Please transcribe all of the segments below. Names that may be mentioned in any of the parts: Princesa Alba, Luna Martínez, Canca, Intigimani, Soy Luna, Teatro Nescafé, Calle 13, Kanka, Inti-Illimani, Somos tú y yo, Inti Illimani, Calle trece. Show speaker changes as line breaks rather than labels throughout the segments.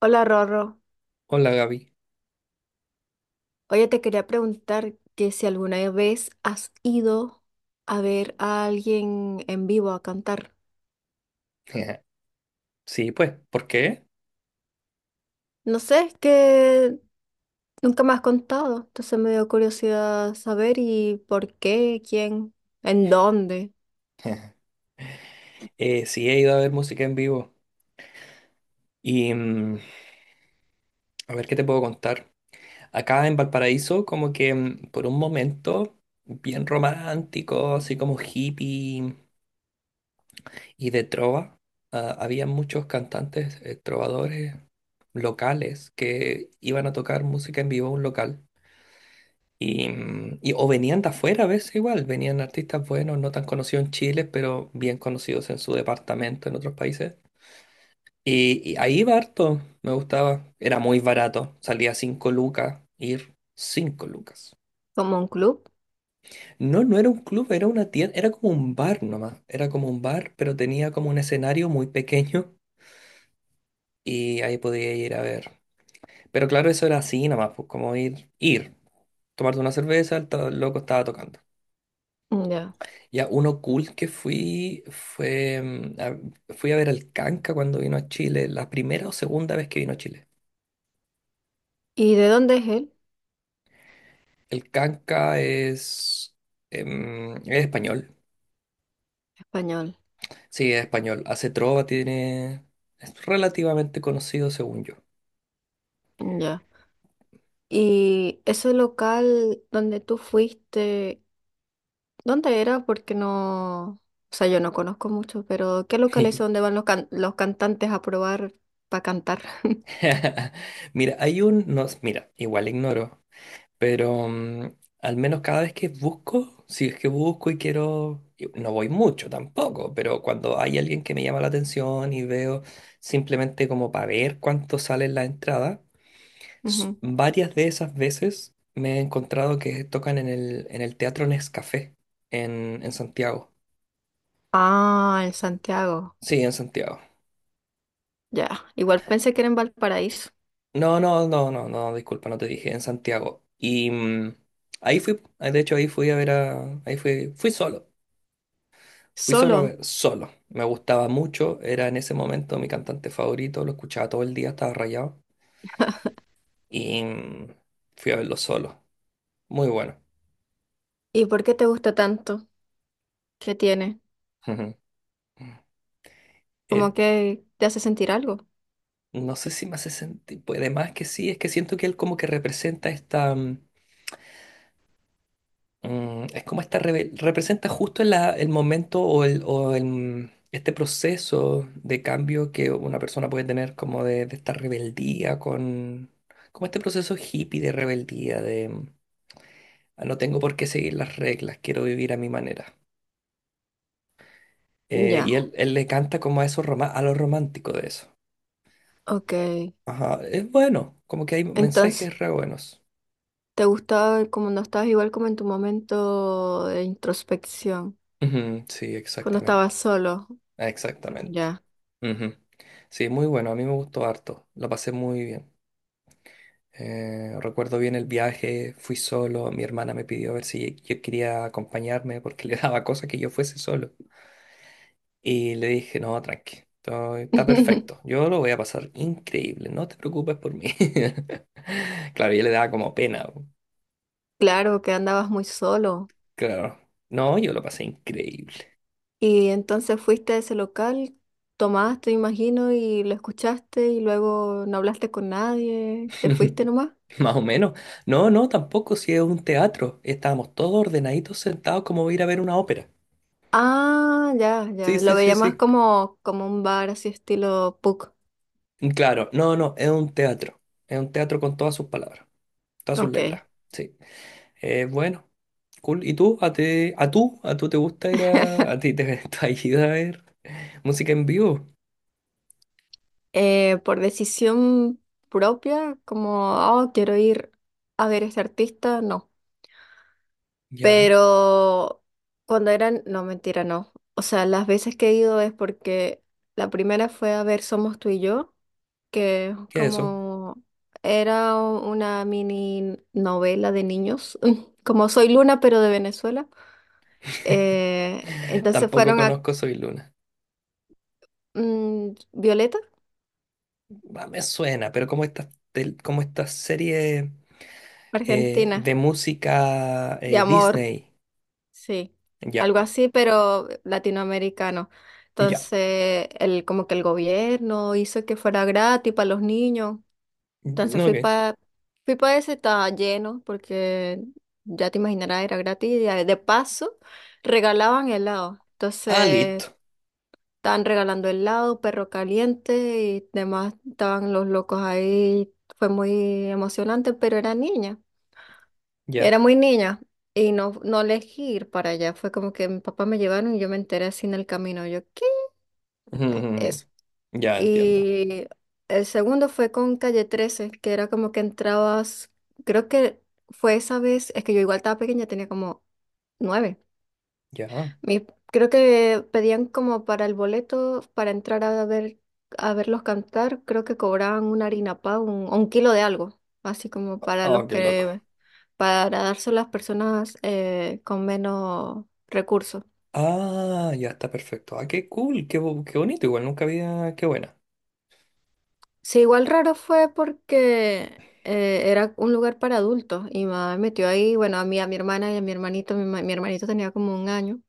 Hola Rorro,
Hola Gaby.
oye te quería preguntar que si alguna vez has ido a ver a alguien en vivo a cantar.
Sí, pues, ¿por qué?
No sé, es que nunca me has contado, entonces me dio curiosidad saber y por qué, quién, en dónde,
Sí, he ido a ver música en vivo. Y mm, a ver qué te puedo contar. Acá en Valparaíso, por un momento, bien romántico, así como hippie y de trova, ah, había muchos cantantes, trovadores locales que iban a tocar música en vivo a un local. O venían de afuera a veces igual, venían artistas buenos, no tan conocidos en Chile, pero bien conocidos en su departamento, en otros países. Y ahí iba harto, me gustaba. Era muy barato, salía 5 lucas, ir 5 lucas.
como un club.
No, no era un club, era una tienda, era como un bar nomás. Era como un bar, pero tenía como un escenario muy pequeño y ahí podía ir a ver. Pero claro, eso era así nomás, pues como ir, tomarte una cerveza, loco estaba tocando.
Mm, ya.
Ya, uno cool que fui fue, fui a ver al Canca cuando vino a Chile, la primera o segunda vez que vino a Chile.
¿Y de dónde es él?
El canca es español.
Español.
Sí, es español. Hace trova, tiene... Es relativamente conocido según yo.
Mm, ya. ¿Y ese local donde tú fuiste? ¿Dónde era? Porque no, o sea, yo no conozco mucho, pero ¿qué locales son donde van los cantantes a probar para cantar?
Mira, hay un... No, mira, igual ignoro, pero al menos cada vez que busco, si es que busco y quiero... Y no voy mucho tampoco, pero cuando hay alguien que me llama la atención y veo simplemente como para ver cuánto sale en la entrada.
Ujú.
Varias de esas veces me he encontrado que tocan en el Teatro Nescafé en Santiago.
Ah, en Santiago.
Sí, en Santiago.
Ya, igual pensé que era en Valparaíso.
No, disculpa, no te dije, en Santiago. Ahí fui, ah, de hecho ahí fui a ver a, fui solo a
Solo.
ver, solo. Me gustaba mucho, era en ese momento mi cantante favorito, lo escuchaba todo el día, estaba rayado. Y mm, Fui a verlo solo, muy bueno.
¿Y por qué te gusta tanto? ¿Qué tiene?
Eh,
¿Como que te hace sentir algo?
No sé si me hace sentir, pues además que sí, es que siento que él como que representa esta, es como esta, representa justo el momento, este proceso de cambio que una persona puede tener como de esta rebeldía con, como este proceso hippie de rebeldía. "Ah, no tengo por qué seguir las reglas, quiero vivir a mi manera". Eh, y
Ya,
él, él le canta como a eso, a lo romántico de eso.
ok.
Ajá, es bueno, como que hay
Entonces,
mensajes re buenos.
¿te gustaba como no estabas igual como en tu momento de introspección?
Ujú, sí,
Cuando
exactamente.
estabas solo.
Exactamente.
Ya.
Ujú. Sí, muy bueno, a mí me gustó harto, lo pasé muy bien. Recuerdo bien el viaje, fui solo, mi hermana me pidió a ver si yo quería acompañarme porque le daba cosa que yo fuese solo. Y le dije, no, tranqui, está perfecto, yo lo voy a pasar increíble, no te preocupes por mí. Claro, yo le daba como pena,
Claro que andabas muy solo.
claro. No, yo lo pasé increíble.
Y entonces fuiste a ese local, tomaste, imagino, y lo escuchaste y luego no hablaste con nadie, te fuiste nomás.
Más o menos. No, no, tampoco, si es un teatro. Estábamos todos ordenaditos sentados como ir a ver una ópera.
Ah, ya,
Sí,
ya. Lo
sí, sí,
veía más
sí.
como un bar así estilo pub.
Claro, no, no, es un teatro. Es un teatro con todas sus palabras, todas sus
Ok.
letras. Sí. Bueno, cool. ¿Y tú? ¿A ti, a tú? ¿A tú te gusta ir a... ¿a ti te te has ido a ver música en vivo?
Por decisión propia, como, oh, quiero ir a ver a este artista, no.
Ya.
Pero cuando eran, no, mentira, no. O sea, las veces que he ido es porque la primera fue a ver Somos tú y yo. Que
¿Qué es eso?
como era una mini novela de niños, como Soy Luna, pero de Venezuela. Entonces
Tampoco
fueron a
conozco Soy Luna.
Violeta,
Ah, me suena, pero como como esta serie
Argentina,
de música
de
eh,
amor,
Disney.
sí,
Ya,
algo así, pero latinoamericano.
ya.
Entonces, como que el gobierno hizo que fuera gratis para los niños.
Mm,
Entonces
ok.
fui pa ese, estaba lleno porque ya te imaginarás, era gratis y de paso regalaban helado.
Ah,
Entonces
listo.
estaban regalando helado, perro caliente y demás, estaban los locos ahí. Fue muy emocionante, pero era niña,
Ya.
era muy niña y no elegí ir para allá. Fue como que mi papá me llevaron y yo me enteré así en el camino. Yo, ¿qué?
Ujú. Ya entiendo.
Y el segundo fue con Calle 13 que era como que entrabas, creo que fue esa vez, es que yo igual estaba pequeña, tenía como nueve.
Ya.
Mi- Creo que pedían como para el boleto, para entrar a ver, a verlos cantar, creo que cobraban una harina pa, un, o un kilo de algo, así como para los
Oh, qué loco.
que, para darse a las personas con menos recursos.
Ah, ya está perfecto. Ah, qué cool, qué bonito. Igual nunca había. Qué buena.
Sí, igual raro fue porque era un lugar para adultos y mamá me metió ahí, bueno, a mí, a mi hermana y a mi hermanito, mi hermanito tenía como un año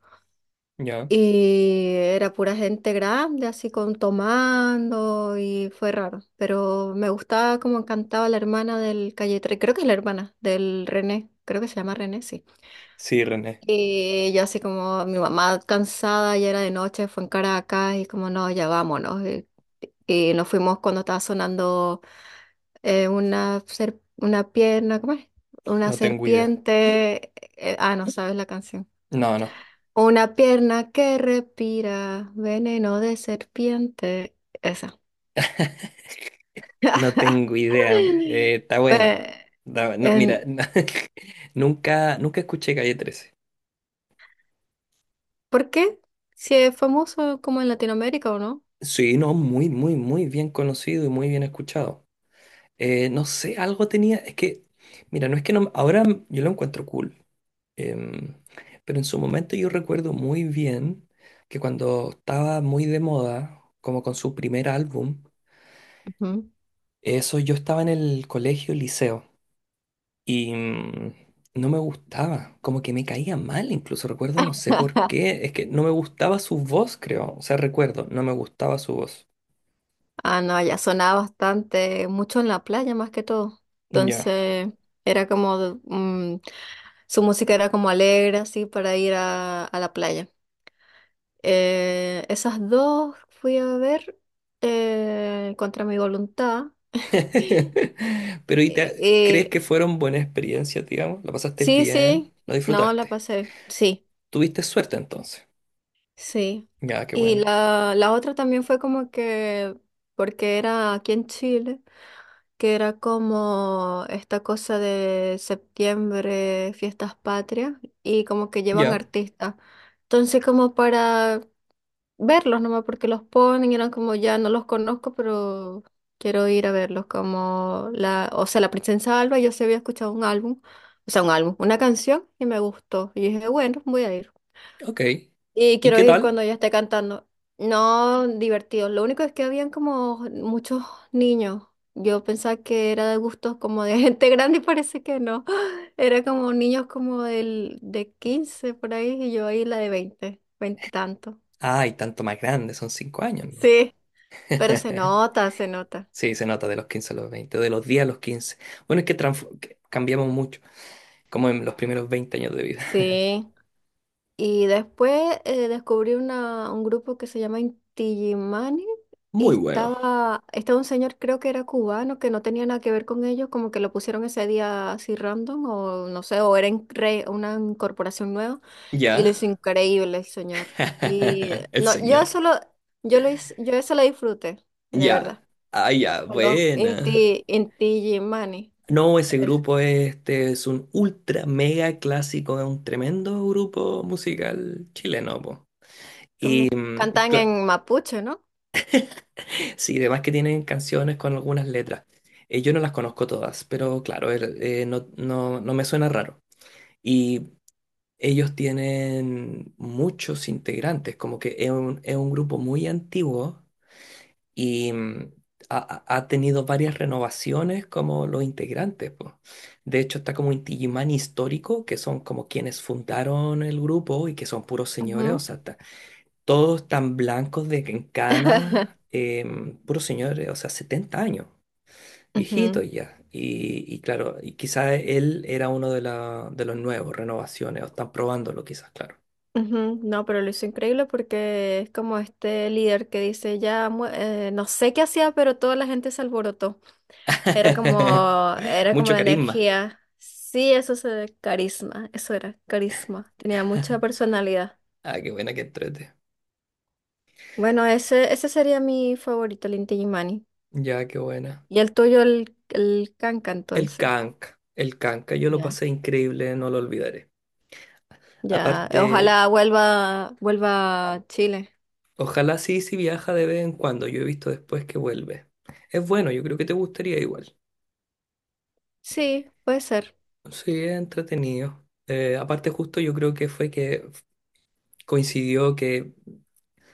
Ya.
y era pura gente grande, así con tomando y fue raro, pero me gustaba como cantaba la hermana del Calle 13, creo que es la hermana del René, creo que se llama René, sí.
Sí, René.
Y yo así como mi mamá cansada, ya era de noche, fue en Caracas y como no, ya vámonos. Y nos fuimos cuando estaba sonando una pierna, ¿cómo es? Una
No tengo idea.
serpiente, ah, no sabes la canción.
No, no.
Una pierna que respira veneno de serpiente, esa.
No tengo idea. Está buena.
Pues,
No, mira,
en-
nunca escuché Calle 13.
¿por qué? Si es famoso como en Latinoamérica o no.
Sí, no, muy bien conocido y muy bien escuchado. No sé, algo tenía. Es que, mira, no es que no. Ahora yo lo encuentro cool. Em, pero en su momento yo recuerdo muy bien que cuando estaba muy de moda, como con su primer álbum,
Ujú.
eso yo estaba en el colegio, liceo, y no me gustaba, como que me caía mal, incluso recuerdo, no sé por qué, es que no me gustaba su voz, creo, o sea, recuerdo, no me gustaba su voz.
Ah, no, allá sonaba bastante, mucho en la playa más que todo.
Ya.
Entonces, era como, su música era como alegre, así, para ir a la playa. Esas dos fui a ver contra mi voluntad.
Pero, ¿y
Eh,
crees
eh,
que fueron buenas experiencias, digamos? ¿La pasaste
sí,
bien?
sí,
¿La
no, la
disfrutaste?
pasé, sí,
¿Tuviste suerte entonces?
sí.
Ya, qué
Y
buena.
la otra también fue como que, porque era aquí en Chile, que era como esta cosa de septiembre, fiestas patrias, y como que llevan
Ya.
artistas. Entonces, como para verlos nomás porque los ponen, y eran como ya no los conozco, pero quiero ir a verlos como la, o sea, la Princesa Alba, yo sí había escuchado un álbum, o sea, un álbum, una canción y me gustó. Y dije, bueno, voy a ir.
Ok.
Y
¿Y
quiero
qué
ir cuando
tal?
ella esté cantando. No, divertido. Lo único es que habían como muchos niños. Yo pensaba que era de gustos como de gente grande y parece que no. Era como niños como de 15 por ahí y yo ahí la de 20 20 y tanto.
Ay, tanto más grande, son 5 años, ¿no?
Sí. Pero se nota, se nota.
Sí, se nota de los 15 a los 20, de los 10 a los 15. Bueno, es que, que cambiamos mucho, como en los primeros 20 años de vida.
Sí. Y después descubrí un grupo que se llama Intigimani y
Muy bueno.
estaba un señor, creo que era cubano, que no tenía nada que ver con ellos, como que lo pusieron ese día así random o no sé, o era una incorporación nueva y lo
¿Ya?
hizo increíble el señor. Y
El
no,
señor.
yo eso lo disfruté, de
Ya.
verdad.
Ah, ya,
Con los
buena.
Intigimani.
No, ese
Es
grupo este es un ultra mega clásico, es un tremendo grupo musical chileno, po. Y,
como
mm,
cantan
cla-
en mapuche, ¿no?
Sí, además que tienen canciones con algunas letras. Yo no las conozco todas, pero claro, no me suena raro. Y ellos tienen muchos integrantes, como que es es un grupo muy antiguo y ha, ha tenido varias renovaciones como los integrantes, po. De hecho, está como un Inti-Illimani histórico, que son como quienes fundaron el grupo y que son puros señores, o
Ujú,
sea, todos tan blancos de que en canas, puros señores, o sea, 70 años,
ujú,
viejitos ya. Y claro, y quizás él era uno de los nuevos, renovaciones, o están probándolo quizás, claro.
ujú. No, pero lo hizo increíble porque es como este líder que dice, ya, no sé qué hacía, pero toda la gente se alborotó. Era como, era como
Mucho
la
carisma.
energía. Sí, eso es carisma, eso era, carisma. Tenía mucha personalidad.
Ah, qué buena que entrete.
Bueno, ese sería mi favorito, el Inti Illimani.
Ya, qué buena.
Y el tuyo, el Kanka, entonces.
El canca, yo lo
Ya.
pasé increíble, no lo olvidaré.
Ya,
Aparte,
ojalá vuelva a Chile.
ojalá, sí, sí viaja de vez en cuando, yo he visto después que vuelve. Es bueno, yo creo que te gustaría igual.
Sí, puede ser.
Sí, es entretenido. Aparte justo yo creo que fue que coincidió que,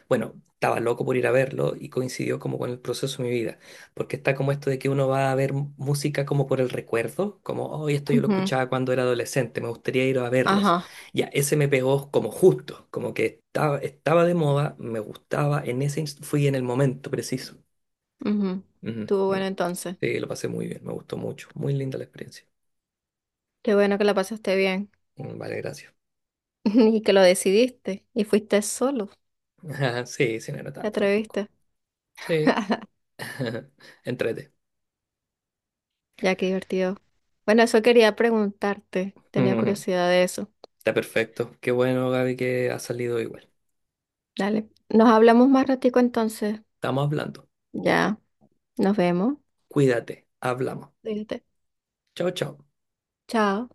bueno, estaba loco por ir a verlo y coincidió como con el proceso de mi vida, porque está como esto de que uno va a ver música como por el recuerdo, como, oh, esto yo lo
Ujú,
escuchaba cuando era adolescente, me gustaría ir a verlos.
ajá.
Ya, ese me pegó como justo, como que estaba de moda, me gustaba, en ese fui en el momento preciso.
Ujú.
Ujú,
Estuvo bueno
ujú.
entonces.
Sí, lo pasé muy bien, me gustó mucho, muy linda la experiencia.
Qué bueno que la pasaste bien
Mm, vale, gracias.
y que lo decidiste y fuiste solo,
Sí, sí, no era
te
tanto tampoco.
atreviste.
Sí, entrete.
Ya, qué divertido. Bueno, eso quería preguntarte. Tenía
Ujú.
curiosidad de eso.
Está perfecto. Qué bueno, Gaby, que ha salido igual.
Dale. Nos hablamos más ratico entonces.
Estamos hablando.
Ya, nos vemos.
Cuídate. Hablamos.
Cuídate.
Chao, chao.
Chao.